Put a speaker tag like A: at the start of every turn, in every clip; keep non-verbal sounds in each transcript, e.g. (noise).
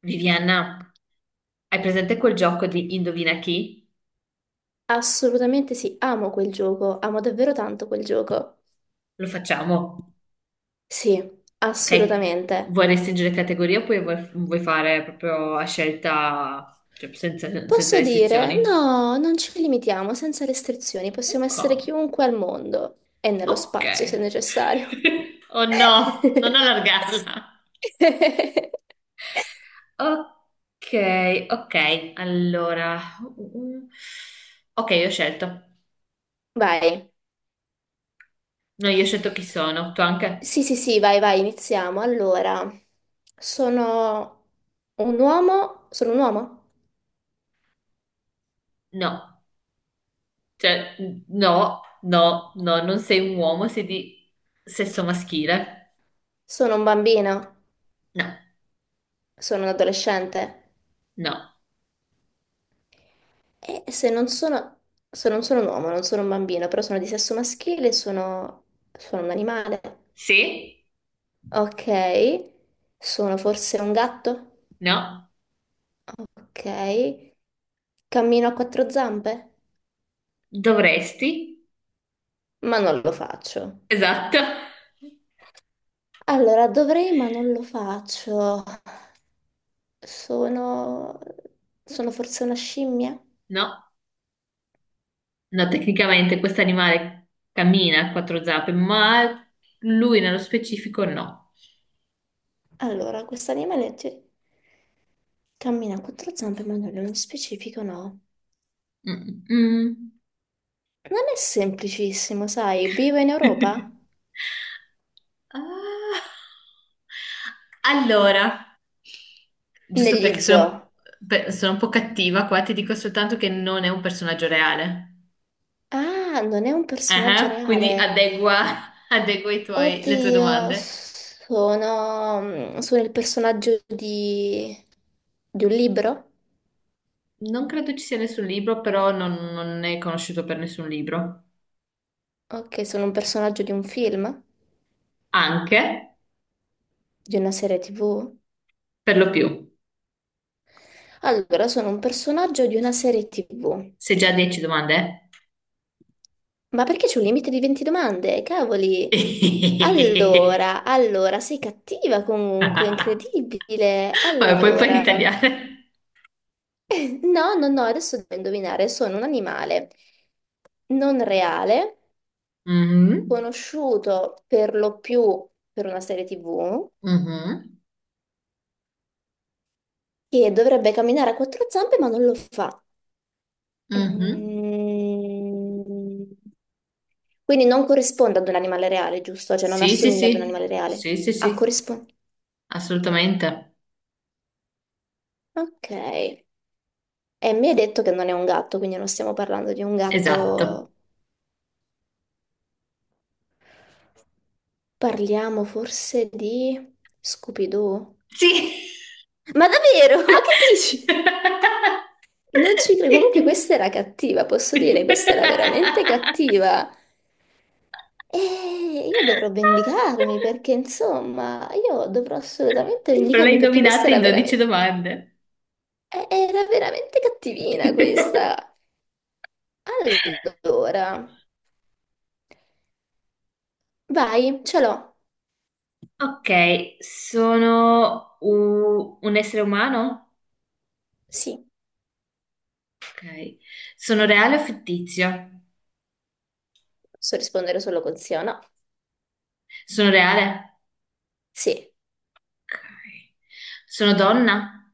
A: Viviana, hai presente quel gioco di Indovina chi?
B: Assolutamente sì, amo quel gioco, amo davvero tanto quel gioco.
A: Lo facciamo,
B: Sì,
A: ok?
B: assolutamente.
A: Vuoi restringere categoria oppure vuoi fare proprio a scelta, cioè senza
B: Posso dire,
A: restrizioni?
B: no, non ci limitiamo, senza restrizioni, possiamo
A: Ok,
B: essere chiunque al mondo e nello
A: ok.
B: spazio se necessario.
A: (laughs) Oh no, non
B: (laughs)
A: allargarla. Ok, ok, allora... ok, io ho scelto.
B: Vai.
A: No, io ho scelto chi sono, tu anche?
B: Sì, sì, sì, vai, vai, iniziamo. Allora, sono un uomo,
A: No. Cioè, no, non sei un uomo, sei di sesso maschile.
B: sono un bambino,
A: No,
B: sono un adolescente.
A: no.
B: E se non sono un uomo, non sono un bambino, però sono di sesso maschile, sono un animale.
A: Sì?
B: Ok. Sono forse un gatto?
A: No.
B: Ok. Cammino a quattro zampe?
A: Dovresti?
B: Ma non lo faccio.
A: Esatto.
B: Allora, dovrei, ma non lo faccio. Sono, Sono forse una scimmia?
A: No, no, tecnicamente questo animale cammina a quattro zampe, ma lui nello specifico no.
B: Allora, cammina a quattro zampe, ma non nello specifico no.
A: Mm, mm.
B: Non è semplicissimo, sai? Vivo in
A: (laughs)
B: Europa?
A: Ah. Allora, giusto
B: Negli
A: perché sono,
B: zoo.
A: sono un po' cattiva qua, ti dico soltanto che non è un personaggio reale.
B: Ah, non è un personaggio
A: Ah, quindi
B: reale.
A: adegua, (laughs) adegua le tue
B: Oddio,
A: domande.
B: sono il personaggio di un libro?
A: Non credo ci sia nessun libro, però non, non è conosciuto per nessun libro.
B: Ok, sono un personaggio di un film?
A: Anche,
B: Di una serie TV?
A: per lo più.
B: Allora, sono un personaggio di una serie TV.
A: Sei già a 10 domande?
B: Ma perché c'è un limite di 20 domande? Cavoli!
A: Eh?
B: Allora, sei cattiva comunque,
A: (laughs)
B: incredibile.
A: Vabbè, poi puoi
B: Allora.
A: ritagliare.
B: No, no, no, adesso devo indovinare, sono un animale non reale,
A: Mhm,
B: conosciuto per lo più per una serie TV,
A: mhm,
B: che dovrebbe camminare a quattro zampe ma non lo fa.
A: mhm.
B: Mm. Quindi non corrisponde ad un animale reale, giusto? Cioè non
A: Sì, sì,
B: assomiglia ad un
A: sì.
B: animale reale.
A: Sì, sì,
B: Ah,
A: sì.
B: corrisponde.
A: Assolutamente.
B: Ok. E mi hai detto che non è un gatto, quindi non stiamo parlando di un
A: Esatto.
B: gatto. Parliamo forse di Scooby-Doo?
A: Sì.
B: Ma davvero? (laughs) Ma che dici?
A: (laughs)
B: Non ci credo, comunque questa era cattiva, posso
A: Sì.
B: dire,
A: (laughs)
B: questa era veramente cattiva. E io dovrò vendicarmi perché, insomma, io dovrò assolutamente
A: Però l'hai
B: vendicarmi perché questa
A: indovinata in 12 domande.
B: era veramente cattivina
A: (laughs)
B: questa. Allora, vai, ce l'ho.
A: Ok, sono un essere umano?
B: Sì,
A: Ok. Sono reale o fittizio?
B: posso rispondere solo con sì o no.
A: Sono reale?
B: Sì,
A: Ok. Sono donna?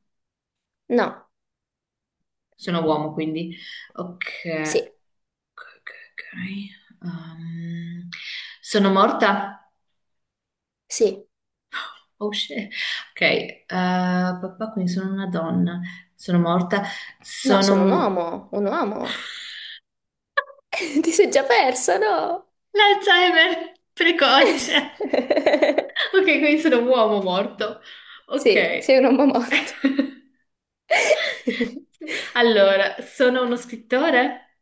B: no,
A: Sono uomo, quindi.
B: sì,
A: Ok. Ok, ok, ok. Sono morta?
B: sì.
A: Oh, shit. Ok, papà, quindi sono una donna, sono morta,
B: No, sono un
A: sono
B: uomo, un uomo. (laughs) Ti sei già persa, no?
A: l'Alzheimer precoce.
B: (laughs)
A: Ok, quindi sono un uomo morto.
B: Sì, sei
A: Ok.
B: un uomo morto.
A: (laughs) Allora, sono uno scrittore,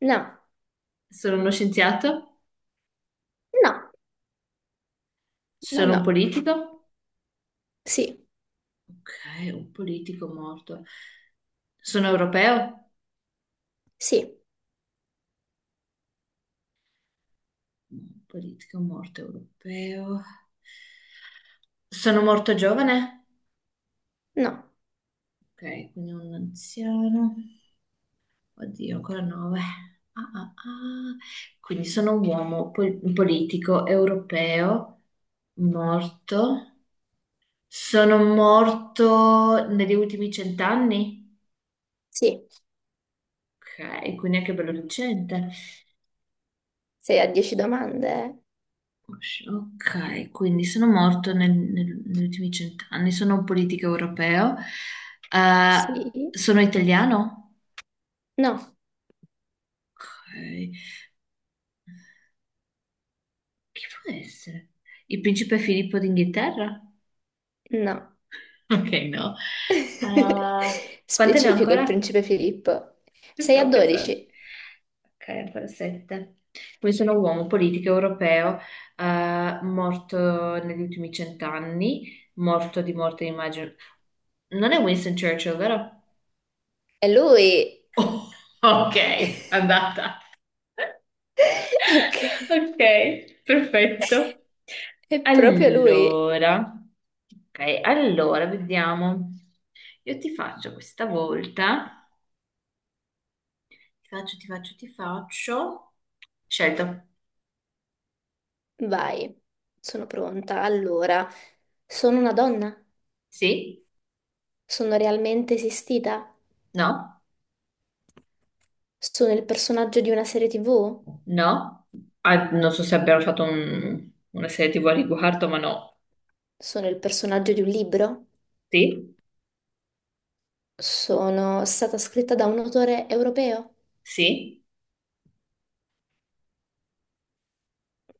B: No,
A: sono uno scienziato,
B: no, no,
A: sono un
B: no.
A: politico.
B: Sì,
A: Ok, un politico morto. Sono europeo?
B: sì,
A: Un politico morto europeo. Sono morto giovane?
B: no,
A: Ok, quindi un anziano. Oddio, ancora nove. Ah, ah, ah. Quindi sono un uomo un politico europeo morto. Sono morto negli ultimi cent'anni?
B: sì.
A: Ok, quindi anche bello recente.
B: Sei a 10 domande? Eh?
A: Ok, quindi sono morto negli ultimi cent'anni. Sono un politico europeo. Eh,
B: Sì,
A: sono italiano?
B: no,
A: Ok, chi può essere? Il principe Filippo d'Inghilterra?
B: no.
A: (laughs) Ok, no. Ah,
B: (laughs)
A: quante ne ho
B: Specifico il
A: ancora?
B: principe Filippo.
A: Ci
B: Sei a
A: stavo pensando.
B: 12.
A: Ok, ancora sette. Quindi sono uomo, politico, europeo, morto negli ultimi cent'anni, morto di morte, immagino. Non è Winston Churchill, vero?
B: È lui.
A: (laughs) Oh, ok, andata.
B: (laughs) Ok,
A: Ok, perfetto.
B: è proprio lui.
A: Allora, ok, allora vediamo. Io ti faccio questa volta. Ti faccio. Scelto.
B: Vai, sono pronta. Allora, sono una donna?
A: Sì?
B: Sono realmente esistita?
A: No?
B: Sono il personaggio di una serie TV?
A: No? Ah, non so se abbiamo fatto una serie TV a riguardo, ma no.
B: Sono il personaggio di un libro?
A: Sì?
B: Sono stata scritta da un autore europeo,
A: Sì?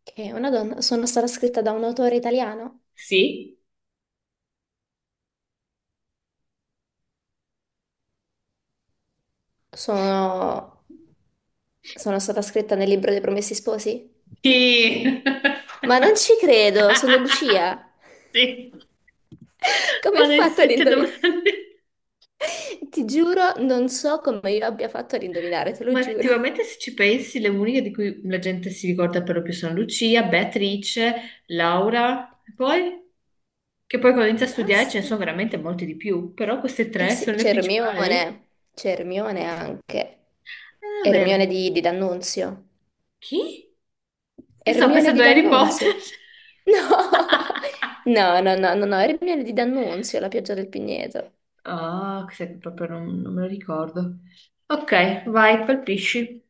B: che è una donna. Sono stata scritta da un autore italiano.
A: Sì?
B: Sono, sono stata scritta nel libro dei Promessi Sposi.
A: Sì!
B: Ma non ci credo, sono
A: (laughs)
B: Lucia.
A: Sì.
B: (laughs) Come ho
A: Ma le
B: fatto ad
A: sette
B: indovinare?
A: domande.
B: Ti giuro, non so come io abbia fatto ad indovinare, te lo
A: Ma
B: giuro.
A: effettivamente se ci pensi, le uniche di cui la gente si ricorda per lo più sono Lucia, Beatrice, Laura, e poi che poi quando inizia
B: E
A: a studiare ce ne
B: basta.
A: sono veramente molti di più, però queste
B: Eh
A: tre
B: sì,
A: sono le
B: c'è
A: principali.
B: Ermione. C'è Ermione anche.
A: Davvero.
B: Ermione di D'Annunzio.
A: Chi? Mi sto
B: Ermione di
A: pensando a Harry Potter.
B: D'Annunzio. No,
A: (laughs)
B: (laughs) no, no, no, no, no, Ermione di D'Annunzio, la pioggia del Pigneto.
A: Ah, questo che proprio non me lo ricordo. Ok, vai, colpisci.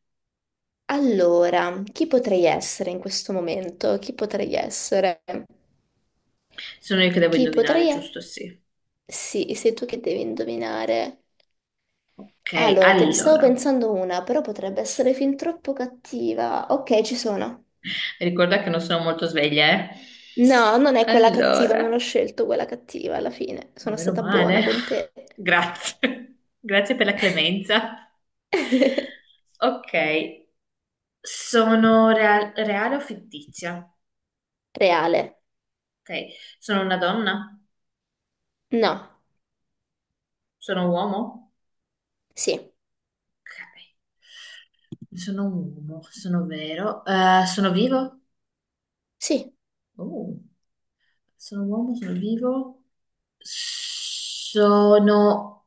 B: Allora, chi potrei essere in questo momento? Chi potrei essere?
A: Sono io che devo
B: Chi
A: indovinare,
B: potrei essere?
A: giusto? Sì.
B: Sì, sei tu che devi indovinare.
A: Ok,
B: Allora, te ne stavo
A: allora.
B: pensando una, però potrebbe essere fin troppo cattiva. Ok, ci sono.
A: Ricorda che non sono molto sveglia, eh.
B: No, non è quella cattiva, non ho
A: Allora,
B: scelto quella cattiva alla fine.
A: ma
B: Sono
A: meno
B: stata buona
A: male.
B: con te.
A: (laughs) Grazie. (laughs) Grazie per la clemenza.
B: (laughs)
A: Ok, sono reale o fittizia?
B: Reale.
A: Ok, sono una donna?
B: No.
A: Sono un uomo?
B: Sì.
A: Ok, sono un uomo, sono vero. Sono vivo?
B: Sì.
A: Oh, sono un uomo, sono vivo. Sono,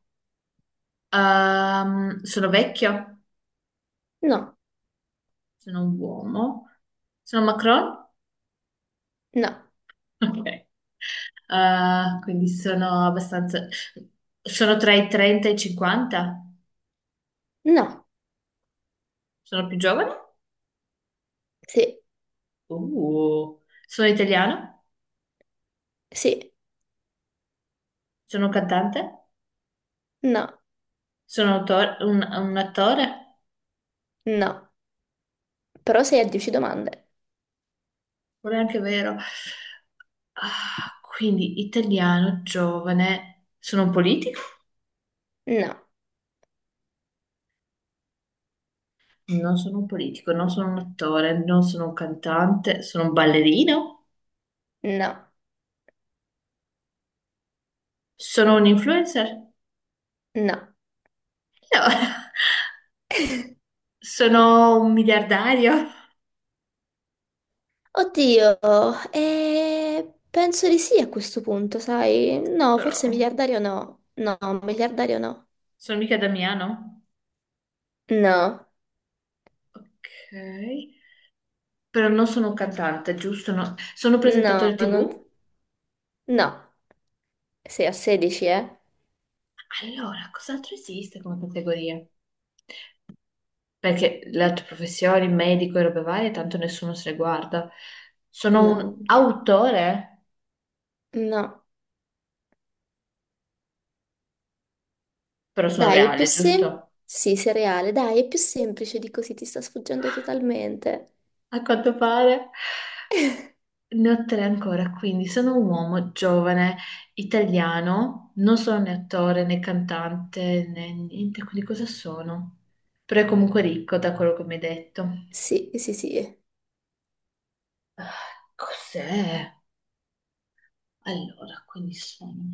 A: sono vecchio?
B: No,
A: Sono un uomo. Sono Macron? (laughs)
B: no,
A: Ok. Quindi sono abbastanza... Sono tra i 30 e i 50?
B: no,
A: Sono più giovane?
B: sì,
A: Uh. Sono italiano?
B: sì,
A: Sono un cantante?
B: no,
A: Sono un attore?
B: no. Però sei a 10 domande.
A: Non è anche vero. Ah, quindi italiano, giovane. Sono un politico?
B: No,
A: Non sono un politico, non sono un attore, non sono un cantante, sono un ballerino?
B: no,
A: Sono un influencer?
B: no.
A: No. (laughs) Sono un miliardario,
B: Oddio, penso di sì a questo punto, sai?
A: (laughs)
B: No,
A: però
B: forse miliardario no. No, miliardario no.
A: sono mica Damiano.
B: No,
A: Ok, però non sono un cantante, giusto? No. Sono presentatore
B: no, non...
A: TV?
B: No, sei a 16, eh?
A: Allora, cos'altro esiste come categoria? Perché le altre professioni, medico e robe varie, tanto nessuno se le guarda. Sono
B: No,
A: un
B: non chiaro.
A: autore,
B: No.
A: però sono
B: Dai, è più
A: reale,
B: semplice.
A: giusto?
B: Sì, sei reale. Dai, è più semplice di così, ti sta sfuggendo totalmente.
A: A quanto pare. Ne ho tre ancora, quindi sono un uomo giovane, italiano, non sono né attore né cantante né niente, quindi cosa sono? Però è comunque ricco da quello che mi hai detto.
B: Sì, sì, sì.
A: Ah, cos'è? Allora, quindi sono...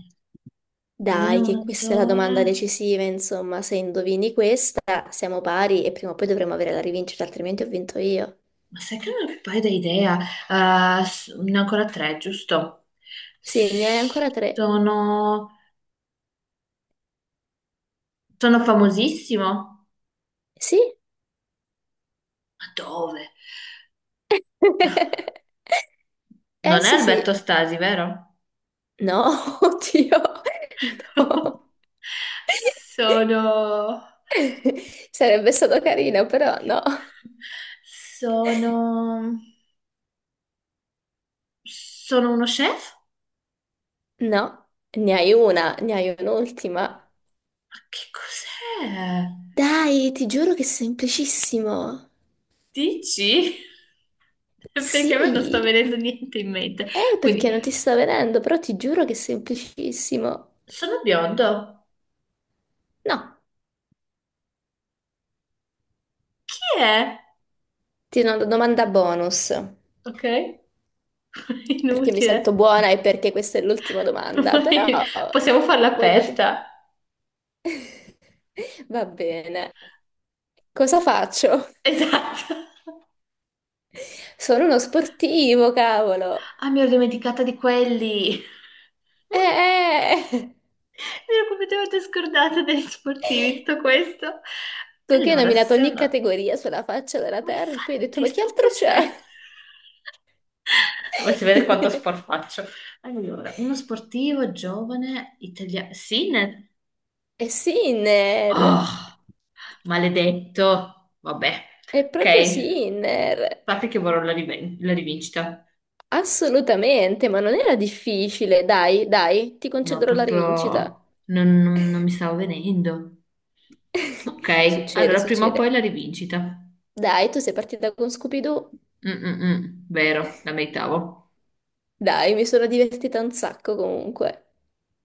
A: Non è
B: Dai,
A: un
B: che questa è la domanda
A: attore,
B: decisiva, insomma, se indovini questa siamo pari e prima o poi dovremo avere la rivincita, altrimenti ho vinto io.
A: ma sai che non ho più paio di idea. Ah, ah, ne ho ancora tre, giusto?
B: Sì, ne hai
A: S-
B: ancora tre.
A: Sono... Sono famosissimo?
B: Sì?
A: Ma dove?
B: (laughs) Eh
A: Non è
B: sì,
A: Alberto
B: sì.
A: Stasi, vero?
B: No, (laughs) oddio, no.
A: (laughs) Sono...
B: (laughs) Sarebbe stato carino, però no.
A: Sono... Sono uno chef?
B: No, ne hai una, ne hai un'ultima.
A: Ma che cos'è?
B: Dai, ti giuro che è semplicissimo.
A: Dici? (laughs) Perché a me non sta
B: Sì,
A: venendo niente in mente.
B: perché
A: Quindi,
B: non ti sta venendo, però ti giuro che è semplicissimo.
A: sono biondo.
B: No,
A: Chi è?
B: ti do una domanda bonus,
A: Ok? (laughs)
B: perché mi sento
A: Inutile.
B: buona e perché questa è l'ultima domanda, però
A: Ormai possiamo farla
B: voglio...
A: aperta.
B: (laughs) Va bene, cosa faccio?
A: Esatto.
B: Sono uno sportivo, cavolo.
A: Ah, mi ero dimenticata di quelli.
B: Eh.
A: Mi ero completamente scordata degli sportivi, tutto questo.
B: Tu che hai
A: Allora,
B: nominato
A: se
B: ogni
A: uno...
B: categoria sulla faccia della
A: Ma
B: terra e poi hai detto,
A: infatti
B: ma chi
A: sto
B: altro
A: pensando...
B: c'è?
A: Ma si vede quanto
B: (laughs)
A: sport faccio. Allora, uno sportivo giovane italiano... Sinner?
B: E Sinner!
A: Oh, maledetto. Vabbè.
B: È
A: Ok,
B: proprio Sinner,
A: sappi che vorrò la, la rivincita.
B: assolutamente, ma non era difficile. Dai, dai, ti
A: No,
B: concederò la rivincita.
A: proprio... non mi stavo venendo.
B: (laughs)
A: Ok,
B: Succede,
A: allora prima o poi
B: succede.
A: la rivincita. Mm,
B: Dai, tu sei partita con Scooby-Doo.
A: mm, mm. Vero, la meritavo.
B: Dai, mi sono divertita un sacco comunque.